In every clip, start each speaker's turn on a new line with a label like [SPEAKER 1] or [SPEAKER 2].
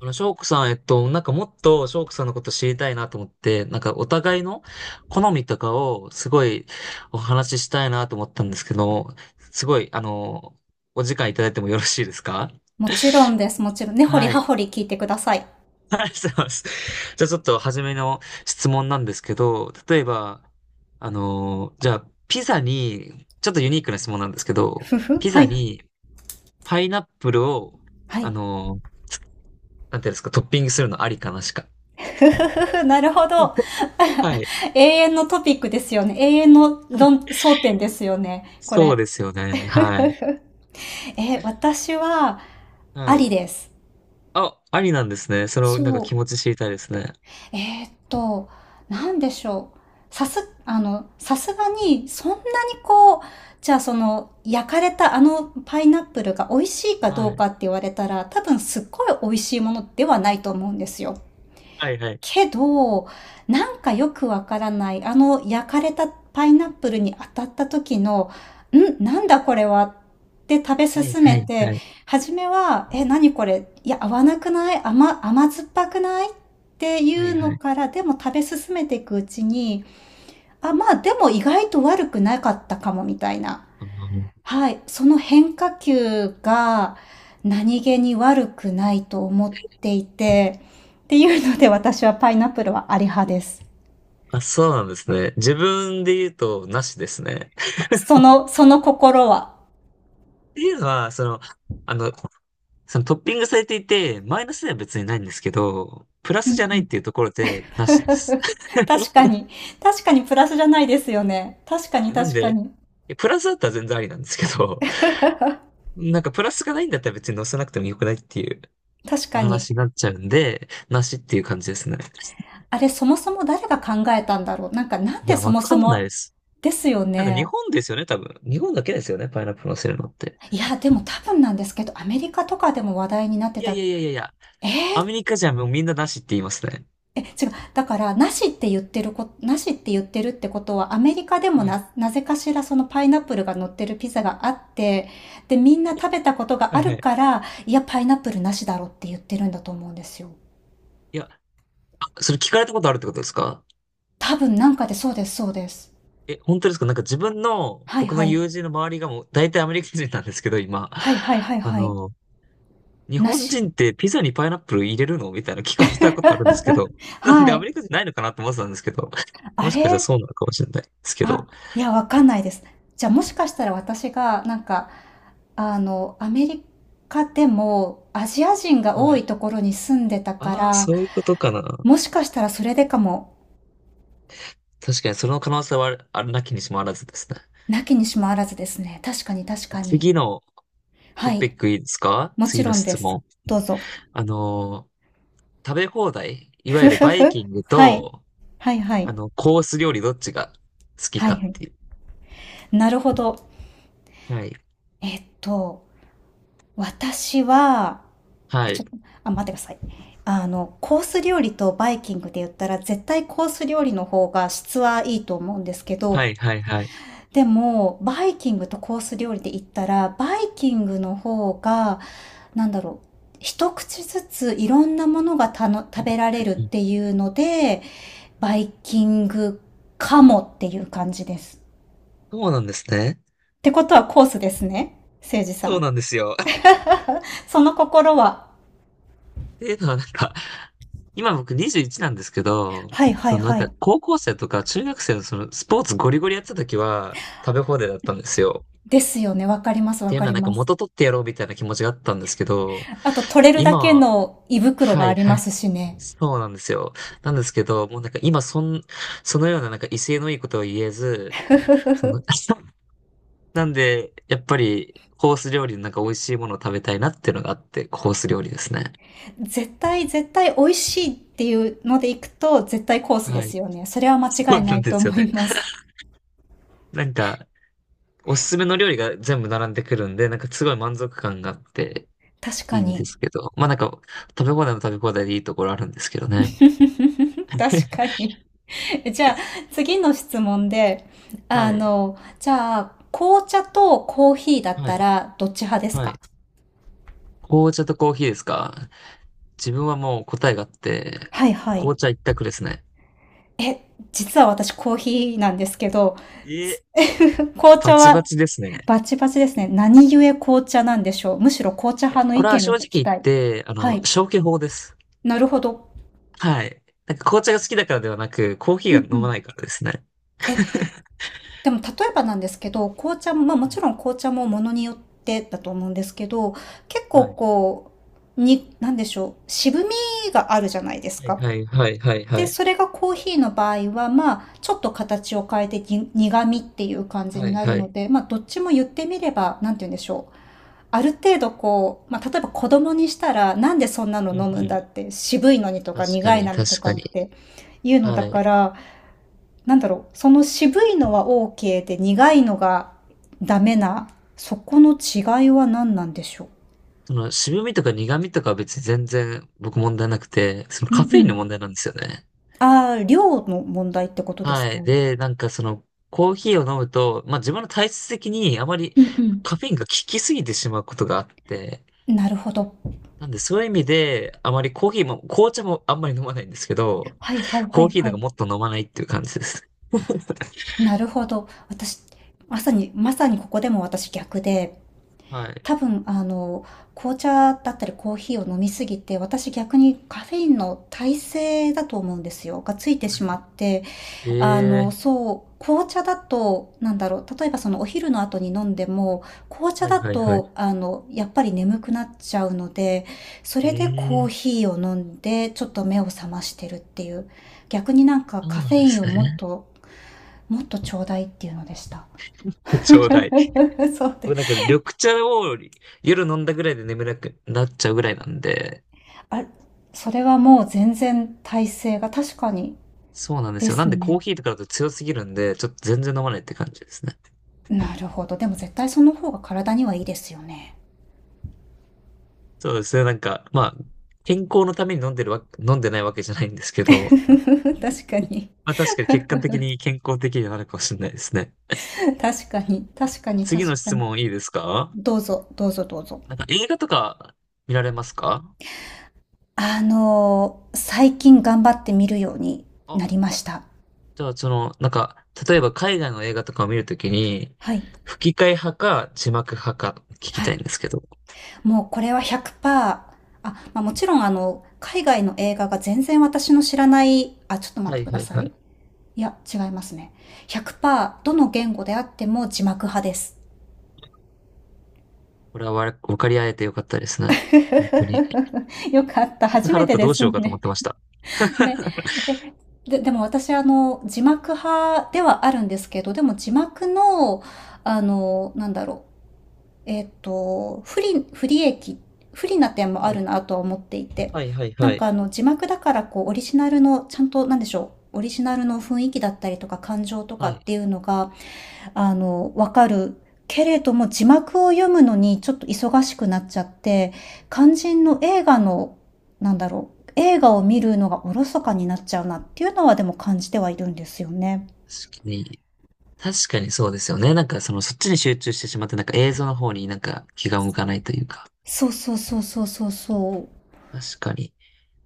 [SPEAKER 1] 翔子さん、なんかもっと翔子さんのこと知りたいなと思って、なんかお互いの好みとかをすごいお話ししたいなと思ったんですけど、すごい、お時間いただいてもよろしいですか？
[SPEAKER 2] もちろんです。もちろん。ねほり
[SPEAKER 1] は
[SPEAKER 2] は
[SPEAKER 1] い。
[SPEAKER 2] ほり聞いてください。
[SPEAKER 1] ありがとうございます。じゃあちょっと初めの質問なんですけど、例えば、じゃあピザに、ちょっとユニークな質問なんですけど、
[SPEAKER 2] ふふ。
[SPEAKER 1] ピ
[SPEAKER 2] は
[SPEAKER 1] ザ
[SPEAKER 2] い。
[SPEAKER 1] にパイナップルを、
[SPEAKER 2] はい。
[SPEAKER 1] あの、なんていうんですか、トッピングするのありかなしか。
[SPEAKER 2] ふふふふ。なるほど。
[SPEAKER 1] はい。
[SPEAKER 2] 永遠のトピックですよね。永遠の論争点ですよね。こ
[SPEAKER 1] そう
[SPEAKER 2] れ。
[SPEAKER 1] ですよね。
[SPEAKER 2] ふふ
[SPEAKER 1] はい。
[SPEAKER 2] えー、私は、
[SPEAKER 1] は
[SPEAKER 2] あり
[SPEAKER 1] い。
[SPEAKER 2] です。
[SPEAKER 1] あ、ありなんですね。その、なんか
[SPEAKER 2] そう。
[SPEAKER 1] 気持ち知りたいですね。
[SPEAKER 2] えーっと、なんでしょう。さすがに、そんなにこう、じゃあその、焼かれたあのパイナップルが美味しいか
[SPEAKER 1] は
[SPEAKER 2] どうか
[SPEAKER 1] い。
[SPEAKER 2] って言われたら、多分すっごい美味しいものではないと思うんですよ。
[SPEAKER 1] はいはい。
[SPEAKER 2] けど、なんかよくわからない、あの焼かれたパイナップルに当たった時の、ん、なんだこれはって食べ
[SPEAKER 1] はい
[SPEAKER 2] 進
[SPEAKER 1] は
[SPEAKER 2] め
[SPEAKER 1] いは
[SPEAKER 2] て、
[SPEAKER 1] い。
[SPEAKER 2] 初めは、え、何これ、いや、合わなくない甘酸っぱくないってい
[SPEAKER 1] は
[SPEAKER 2] う
[SPEAKER 1] いは
[SPEAKER 2] の
[SPEAKER 1] い。
[SPEAKER 2] から、でも食べ進めていくうちに、あ、まあでも意外と悪くなかったかもみたいな。
[SPEAKER 1] あの
[SPEAKER 2] はい、その変化球が何気に悪くないと思っていて、っていうので私はパイナップルはあり派です。
[SPEAKER 1] あ、そうなんですね。自分で言うと、なしですね。っ
[SPEAKER 2] その心は？
[SPEAKER 1] ていうのは、その、あの、そのトッピングされていて、マイナスでは別にないんですけど、プラ
[SPEAKER 2] う
[SPEAKER 1] ス
[SPEAKER 2] んう
[SPEAKER 1] じゃない
[SPEAKER 2] ん、
[SPEAKER 1] っていうところで、なしです。
[SPEAKER 2] 確かに。確かにプラスじゃないですよね。確かに
[SPEAKER 1] あなん
[SPEAKER 2] 確か
[SPEAKER 1] で、
[SPEAKER 2] に。
[SPEAKER 1] プラスだったら全然ありなんですけど、なんかプラスがないんだったら別に載せなくてもよくないっていう
[SPEAKER 2] 確
[SPEAKER 1] お
[SPEAKER 2] かに。
[SPEAKER 1] 話になっちゃうんで、なしっていう感じですね。
[SPEAKER 2] あれ、そもそも誰が考えたんだろう。なんか、なん
[SPEAKER 1] い
[SPEAKER 2] で
[SPEAKER 1] や、
[SPEAKER 2] そ
[SPEAKER 1] わ
[SPEAKER 2] もそ
[SPEAKER 1] かんない
[SPEAKER 2] も、
[SPEAKER 1] です。
[SPEAKER 2] ですよ
[SPEAKER 1] なんか日
[SPEAKER 2] ね。
[SPEAKER 1] 本ですよね、多分。日本だけですよね、パイナップルのせるのって。
[SPEAKER 2] いや、でも多分なんですけど、アメリカとかでも話題になって
[SPEAKER 1] いや
[SPEAKER 2] た。
[SPEAKER 1] いやいやいやいや、
[SPEAKER 2] え
[SPEAKER 1] アメ
[SPEAKER 2] ー
[SPEAKER 1] リカじゃもうみんななしって言いますね。
[SPEAKER 2] え、違う。だから、なしって言ってるってことは、アメリカでも
[SPEAKER 1] はい。
[SPEAKER 2] なぜかしらそのパイナップルが乗ってるピザがあって、で、みんな食べたことが
[SPEAKER 1] は
[SPEAKER 2] あ
[SPEAKER 1] いは
[SPEAKER 2] る
[SPEAKER 1] い。
[SPEAKER 2] から、いや、パイナップルなしだろって言ってるんだと思うんですよ。
[SPEAKER 1] いや、あ、それ聞かれたことあるってことですか？
[SPEAKER 2] 多分なんかで、そうです、そうです。
[SPEAKER 1] え、本当ですか？なんか自分の、
[SPEAKER 2] はい
[SPEAKER 1] 僕の
[SPEAKER 2] はい。
[SPEAKER 1] 友人の周りがもう大体アメリカ人なんですけど、今。
[SPEAKER 2] はいはいはい
[SPEAKER 1] あ
[SPEAKER 2] はい。
[SPEAKER 1] の、日
[SPEAKER 2] な
[SPEAKER 1] 本
[SPEAKER 2] し。
[SPEAKER 1] 人ってピザにパイナップル入れるのみたいな聞かれたことあるんですけど。なんで
[SPEAKER 2] は
[SPEAKER 1] ア
[SPEAKER 2] い。
[SPEAKER 1] メリカ人ないのかなと思ってたんですけど。
[SPEAKER 2] あ
[SPEAKER 1] もしかしたら
[SPEAKER 2] れ
[SPEAKER 1] そうなのかもしれないですけ
[SPEAKER 2] あ、
[SPEAKER 1] ど。
[SPEAKER 2] いや、わかんないです。じゃあもしかしたら私が、なんか、アメリカでもアジア人が
[SPEAKER 1] は
[SPEAKER 2] 多い
[SPEAKER 1] い。
[SPEAKER 2] ところに住んでたか
[SPEAKER 1] ああ、
[SPEAKER 2] ら、
[SPEAKER 1] そういうことかな。
[SPEAKER 2] もしかしたらそれでかも、
[SPEAKER 1] 確かにその可能性はあるなきにしもあらずですね。
[SPEAKER 2] なきにしもあらずですね。確かに確かに。
[SPEAKER 1] 次の
[SPEAKER 2] は
[SPEAKER 1] トピ
[SPEAKER 2] い。
[SPEAKER 1] ックいいですか？
[SPEAKER 2] もち
[SPEAKER 1] 次の
[SPEAKER 2] ろんで
[SPEAKER 1] 質
[SPEAKER 2] す。
[SPEAKER 1] 問。
[SPEAKER 2] どうぞ。
[SPEAKER 1] あの食べ放題、いわ
[SPEAKER 2] ふ
[SPEAKER 1] ゆる
[SPEAKER 2] ふ
[SPEAKER 1] バイ
[SPEAKER 2] ふ。
[SPEAKER 1] キング
[SPEAKER 2] はい。
[SPEAKER 1] と、
[SPEAKER 2] はいはい。
[SPEAKER 1] コース料理どっちが好き
[SPEAKER 2] はい
[SPEAKER 1] か
[SPEAKER 2] は
[SPEAKER 1] っ
[SPEAKER 2] い。
[SPEAKER 1] ていう。
[SPEAKER 2] なるほど。
[SPEAKER 1] はい。
[SPEAKER 2] えっと、私は、
[SPEAKER 1] は
[SPEAKER 2] えち
[SPEAKER 1] い。
[SPEAKER 2] ょっと、あ、待ってください。コース料理とバイキングで言ったら絶対コース料理の方が質はいいと思うんですけ
[SPEAKER 1] は
[SPEAKER 2] ど、
[SPEAKER 1] い、はい、はい。
[SPEAKER 2] でも、バイキングとコース料理で言ったら、バイキングの方が、なんだろう、一口ずついろんなものが
[SPEAKER 1] う
[SPEAKER 2] 食べ
[SPEAKER 1] ん、
[SPEAKER 2] られるっていうので、バイキングかもっていう感じです。っ
[SPEAKER 1] そうなんですね。
[SPEAKER 2] てことはコースですね、誠司さ
[SPEAKER 1] そう
[SPEAKER 2] ん。
[SPEAKER 1] なんですよ。っ
[SPEAKER 2] その心は？
[SPEAKER 1] ていうのはなんか、今僕21なんですけど、
[SPEAKER 2] はいはい
[SPEAKER 1] そのなん
[SPEAKER 2] は
[SPEAKER 1] か、
[SPEAKER 2] い。
[SPEAKER 1] 高校生とか中学生のそのスポーツゴリゴリやってた時は、食べ放題だったんですよ。
[SPEAKER 2] ですよね。わかります
[SPEAKER 1] っ
[SPEAKER 2] わ
[SPEAKER 1] ていう
[SPEAKER 2] か
[SPEAKER 1] のは
[SPEAKER 2] り
[SPEAKER 1] なんか
[SPEAKER 2] ます。
[SPEAKER 1] 元取ってやろうみたいな気持ちがあったんですけど、
[SPEAKER 2] あと取れるだ
[SPEAKER 1] 今
[SPEAKER 2] け
[SPEAKER 1] は、
[SPEAKER 2] の胃袋が
[SPEAKER 1] は
[SPEAKER 2] あ
[SPEAKER 1] い
[SPEAKER 2] り
[SPEAKER 1] は
[SPEAKER 2] ま
[SPEAKER 1] い、
[SPEAKER 2] すしね。
[SPEAKER 1] そうなんですよ。なんですけど、もうなんか今そのようななんか威勢のいいことは言えず、その、なんで、やっぱりコース料理のなんか美味しいものを食べたいなっていうのがあって、コース料理ですね。
[SPEAKER 2] 絶対、絶対美味しいっていうので行くと、絶対コースで
[SPEAKER 1] はい。
[SPEAKER 2] すよね。それは間
[SPEAKER 1] そ
[SPEAKER 2] 違
[SPEAKER 1] う
[SPEAKER 2] いな
[SPEAKER 1] な
[SPEAKER 2] い
[SPEAKER 1] んで
[SPEAKER 2] と
[SPEAKER 1] すよ
[SPEAKER 2] 思
[SPEAKER 1] ね。
[SPEAKER 2] います。
[SPEAKER 1] なんか、おすすめの料理が全部並んでくるんで、なんかすごい満足感があって
[SPEAKER 2] 確
[SPEAKER 1] い
[SPEAKER 2] か
[SPEAKER 1] いんで
[SPEAKER 2] に。
[SPEAKER 1] すけど、まあなんか、食べ放題でいいところあるんですけどね。
[SPEAKER 2] 確か に。じゃあ、次の質問で、あ
[SPEAKER 1] はい。
[SPEAKER 2] の、じゃあ、紅茶とコーヒーだっ
[SPEAKER 1] は
[SPEAKER 2] た
[SPEAKER 1] い。
[SPEAKER 2] ら、どっち派です
[SPEAKER 1] は
[SPEAKER 2] か？
[SPEAKER 1] い。紅茶とコーヒーですか？自分はもう答えがあって、
[SPEAKER 2] はいはい。
[SPEAKER 1] 紅茶一択ですね。
[SPEAKER 2] 実は私コーヒーなんですけど、
[SPEAKER 1] え、
[SPEAKER 2] 紅
[SPEAKER 1] バ
[SPEAKER 2] 茶
[SPEAKER 1] チバ
[SPEAKER 2] は
[SPEAKER 1] チですね。
[SPEAKER 2] バチバチですね。何故紅茶なんでしょう？むしろ紅茶派の
[SPEAKER 1] こ
[SPEAKER 2] 意
[SPEAKER 1] れは
[SPEAKER 2] 見を
[SPEAKER 1] 正直
[SPEAKER 2] 聞き
[SPEAKER 1] 言っ
[SPEAKER 2] たい。
[SPEAKER 1] て、
[SPEAKER 2] はい。
[SPEAKER 1] 消去法です。
[SPEAKER 2] なるほど。
[SPEAKER 1] はい。なんか紅茶が好きだからではなく、コー
[SPEAKER 2] う
[SPEAKER 1] ヒ
[SPEAKER 2] ん
[SPEAKER 1] ーが
[SPEAKER 2] う
[SPEAKER 1] 飲ま
[SPEAKER 2] ん。
[SPEAKER 1] ないからですね。
[SPEAKER 2] え、でも例えばなんですけど、紅茶も、まあもちろん紅茶もものによってだと思うんですけど、結
[SPEAKER 1] は
[SPEAKER 2] 構
[SPEAKER 1] い。
[SPEAKER 2] こう、なんでしょう。渋みがあるじゃないです
[SPEAKER 1] はい。
[SPEAKER 2] か。
[SPEAKER 1] はい。はい。は
[SPEAKER 2] で、
[SPEAKER 1] い。
[SPEAKER 2] それがコーヒーの場合は、まあ、ちょっと形を変えてに苦味っていう感じ
[SPEAKER 1] は
[SPEAKER 2] に
[SPEAKER 1] い。
[SPEAKER 2] なる
[SPEAKER 1] はい。
[SPEAKER 2] ので、まあ、どっちも言ってみれば、なんて言うんでしょう。ある程度こう、まあ、例えば子供にしたら、なんでそんなの
[SPEAKER 1] うんう
[SPEAKER 2] 飲むんだ
[SPEAKER 1] ん。
[SPEAKER 2] って、渋いのにと
[SPEAKER 1] 確
[SPEAKER 2] か
[SPEAKER 1] か
[SPEAKER 2] 苦い
[SPEAKER 1] に、
[SPEAKER 2] のにと
[SPEAKER 1] 確
[SPEAKER 2] か
[SPEAKER 1] か
[SPEAKER 2] っ
[SPEAKER 1] に。
[SPEAKER 2] ていうのだ
[SPEAKER 1] は
[SPEAKER 2] か
[SPEAKER 1] い。
[SPEAKER 2] ら、なんだろう、その渋いのは OK で苦いのがダメな、そこの違いは何なんでしょ
[SPEAKER 1] 渋みとか苦みとかは別に全然僕問題なくて、その
[SPEAKER 2] う？う
[SPEAKER 1] カ
[SPEAKER 2] ん
[SPEAKER 1] フ
[SPEAKER 2] う
[SPEAKER 1] ェインの
[SPEAKER 2] ん。
[SPEAKER 1] 問題なんですよね。
[SPEAKER 2] ああ、量の問題ってことです
[SPEAKER 1] は
[SPEAKER 2] か？
[SPEAKER 1] い。
[SPEAKER 2] うん
[SPEAKER 1] で、なんかコーヒーを飲むと、まあ自分の体質的にあまり
[SPEAKER 2] う
[SPEAKER 1] カフェインが効きすぎてしまうことがあって、
[SPEAKER 2] ん。なるほど。
[SPEAKER 1] なんでそういう意味で、あまりコーヒーも、紅茶もあんまり飲まないんですけど、
[SPEAKER 2] はいはいは
[SPEAKER 1] コー
[SPEAKER 2] い
[SPEAKER 1] ヒー
[SPEAKER 2] は
[SPEAKER 1] なんか
[SPEAKER 2] い。
[SPEAKER 1] もっと飲まないっていう感じです。
[SPEAKER 2] なるほど。私、まさに、まさにここでも私逆で、
[SPEAKER 1] はい。
[SPEAKER 2] 多分、紅茶だったりコーヒーを飲みすぎて、私逆にカフェインの耐性だと思うんですよ。がついてしまって、
[SPEAKER 1] ええ
[SPEAKER 2] そう、紅茶だと、なんだろう、例えばそのお昼の後に飲んでも、紅
[SPEAKER 1] ー、
[SPEAKER 2] 茶
[SPEAKER 1] はい
[SPEAKER 2] だ
[SPEAKER 1] はいはい。
[SPEAKER 2] と、やっぱり眠くなっちゃうので、そ
[SPEAKER 1] え
[SPEAKER 2] れでコー
[SPEAKER 1] えー、
[SPEAKER 2] ヒーを飲んで、ちょっと目を覚ましてるっていう。逆になんか
[SPEAKER 1] そ
[SPEAKER 2] カ
[SPEAKER 1] うな
[SPEAKER 2] フ
[SPEAKER 1] ん
[SPEAKER 2] ェ
[SPEAKER 1] で
[SPEAKER 2] イ
[SPEAKER 1] す
[SPEAKER 2] ンをもっ
[SPEAKER 1] ね。
[SPEAKER 2] と、もっとちょうだいっていうのでした。
[SPEAKER 1] ちょうだい。
[SPEAKER 2] そう
[SPEAKER 1] 僕
[SPEAKER 2] で
[SPEAKER 1] なん
[SPEAKER 2] す。
[SPEAKER 1] か緑茶を夜飲んだぐらいで眠れなくなっちゃうぐらいなんで、
[SPEAKER 2] あ、それはもう全然体勢が確かに
[SPEAKER 1] そうなんで
[SPEAKER 2] で
[SPEAKER 1] すよ。な
[SPEAKER 2] す
[SPEAKER 1] んでコー
[SPEAKER 2] ね。
[SPEAKER 1] ヒーとかだと強すぎるんで、ちょっと全然飲まないって感じですね。
[SPEAKER 2] なるほど。でも絶対その方が体にはいいですよね。
[SPEAKER 1] そうですね。なんか、まあ、健康のために飲んでないわけじゃないんです けど、
[SPEAKER 2] 確かに。
[SPEAKER 1] まあ確かに結果的に健康的にはなるかもしれないですね。
[SPEAKER 2] 確かに。確かに。
[SPEAKER 1] 次
[SPEAKER 2] 確
[SPEAKER 1] の
[SPEAKER 2] か
[SPEAKER 1] 質
[SPEAKER 2] に。
[SPEAKER 1] 問いいですか？
[SPEAKER 2] どうぞ、どうぞ、どうぞ。
[SPEAKER 1] なんか映画とか見られますか？
[SPEAKER 2] 最近頑張ってみるようにな
[SPEAKER 1] あ、
[SPEAKER 2] りました。
[SPEAKER 1] じゃあなんか、例えば海外の映画とかを見るときに、
[SPEAKER 2] はい。
[SPEAKER 1] 吹き替え派か字幕派か聞き
[SPEAKER 2] は
[SPEAKER 1] た
[SPEAKER 2] い。
[SPEAKER 1] いんですけど。
[SPEAKER 2] もうこれは100%、あ、まあ、もちろん海外の映画が全然私の知らない、あ、ちょっと待っ
[SPEAKER 1] は
[SPEAKER 2] て
[SPEAKER 1] い
[SPEAKER 2] くだ
[SPEAKER 1] はい
[SPEAKER 2] さ
[SPEAKER 1] は
[SPEAKER 2] い。
[SPEAKER 1] い。
[SPEAKER 2] いや、違いますね。100%どの言語であっても字幕派です。
[SPEAKER 1] これは分かり合えてよかったですね。本当に。
[SPEAKER 2] よかった。初
[SPEAKER 1] 払
[SPEAKER 2] め
[SPEAKER 1] った
[SPEAKER 2] て
[SPEAKER 1] ら
[SPEAKER 2] で
[SPEAKER 1] どうし
[SPEAKER 2] す
[SPEAKER 1] ようかと思
[SPEAKER 2] ね。
[SPEAKER 1] ってました。
[SPEAKER 2] ね。え、で、でも私、字幕派ではあるんですけど、でも字幕の、なんだろう。えっと、不利、不利益、不利な点もあ
[SPEAKER 1] は
[SPEAKER 2] る
[SPEAKER 1] い。
[SPEAKER 2] なとは思っていて。
[SPEAKER 1] はいはい
[SPEAKER 2] な
[SPEAKER 1] は
[SPEAKER 2] んか
[SPEAKER 1] い。
[SPEAKER 2] 字幕だからこう、オリジナルの、ちゃんと、なんでしょう。オリジナルの雰囲気だったりとか感情とか
[SPEAKER 1] は
[SPEAKER 2] っ
[SPEAKER 1] い。
[SPEAKER 2] ていうのがわかる。けれども字幕を読むのにちょっと忙しくなっちゃって、肝心の映画の、なんだろう、映画を見るのがおろそかになっちゃうなっていうのはでも感じてはいるんですよね。
[SPEAKER 1] 確かに。確かにそうですよね。なんかそっちに集中してしまって、なんか映像の方になんか気が向かないというか。
[SPEAKER 2] そうそうそうそうそうそ
[SPEAKER 1] 確かに。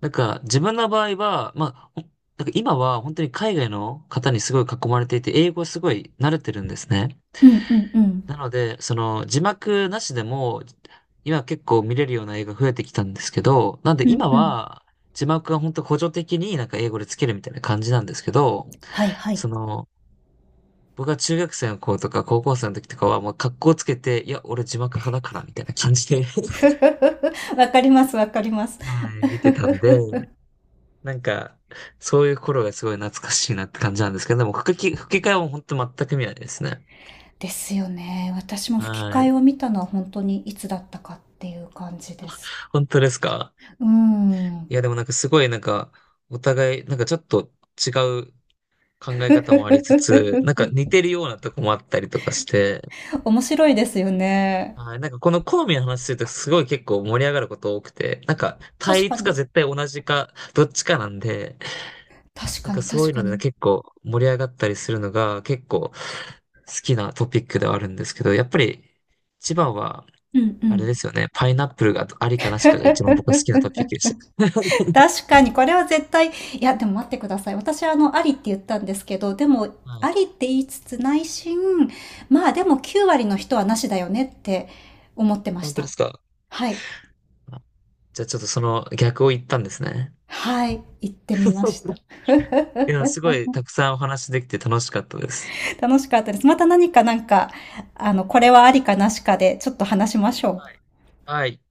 [SPEAKER 1] なんか自分の場合は、まあ、なんか今は本当に海外の方にすごい囲まれていて、英語すごい慣れてるんですね。
[SPEAKER 2] う。うんうんうん。
[SPEAKER 1] なので、その字幕なしでも、今結構見れるような映画増えてきたんですけど、なん
[SPEAKER 2] う
[SPEAKER 1] で
[SPEAKER 2] ん
[SPEAKER 1] 今
[SPEAKER 2] うん。
[SPEAKER 1] は字幕が本当補助的になんか英語でつけるみたいな感じなんですけど、
[SPEAKER 2] はいはい。
[SPEAKER 1] その、僕は中学生の子とか高校生の時とかは、もう格好つけて、いや、俺字幕派だから、みたいな感じで
[SPEAKER 2] わかりますわかります。
[SPEAKER 1] はい、見てたんで、なんか、そういう頃がすごい懐かしいなって感じなんですけど、でも吹き替えも本当全く見ないですね。
[SPEAKER 2] ですよね。私も吹き
[SPEAKER 1] は
[SPEAKER 2] 替
[SPEAKER 1] い。
[SPEAKER 2] えを見たのは本当にいつだったかっていう感じです。
[SPEAKER 1] 本当ですか？
[SPEAKER 2] うーん。
[SPEAKER 1] いや、でもなんかすごいなんか、お互い、なんかちょっと違う考え方もありつつ、なんか 似てるようなとこもあったりとかして、
[SPEAKER 2] 面白いですよね。
[SPEAKER 1] はい。なんかこの好みの話するとすごい結構盛り上がること多くて、なんか対
[SPEAKER 2] 確か
[SPEAKER 1] 立
[SPEAKER 2] に。
[SPEAKER 1] か絶対同じかどっちかなんで、
[SPEAKER 2] 確
[SPEAKER 1] なん
[SPEAKER 2] か
[SPEAKER 1] か
[SPEAKER 2] に、
[SPEAKER 1] そう
[SPEAKER 2] 確
[SPEAKER 1] いう
[SPEAKER 2] か
[SPEAKER 1] ので
[SPEAKER 2] に。
[SPEAKER 1] 結構盛り上がったりするのが結構好きなトピックではあるんですけど、やっぱり一番は
[SPEAKER 2] うんう
[SPEAKER 1] あれ
[SPEAKER 2] ん。
[SPEAKER 1] ですよね、パイナップルがありかなしかが一番僕は好きなトピックでした。
[SPEAKER 2] 確 かに、これは絶対、いや、でも待ってください。私、ありって言ったんですけど、でも、
[SPEAKER 1] はい。
[SPEAKER 2] ありって言いつつ内心、まあでも9割の人はなしだよねって思ってまし
[SPEAKER 1] 本当で
[SPEAKER 2] た。
[SPEAKER 1] すか？
[SPEAKER 2] はい。
[SPEAKER 1] じゃあちょっとその逆を言ったんですね。
[SPEAKER 2] はい。行ってみました。
[SPEAKER 1] いや、すごいたくさんお話できて楽しかったです。
[SPEAKER 2] 楽しかったです。また何かこれはありかなしかで、ちょっと話しましょう。
[SPEAKER 1] はい。はい。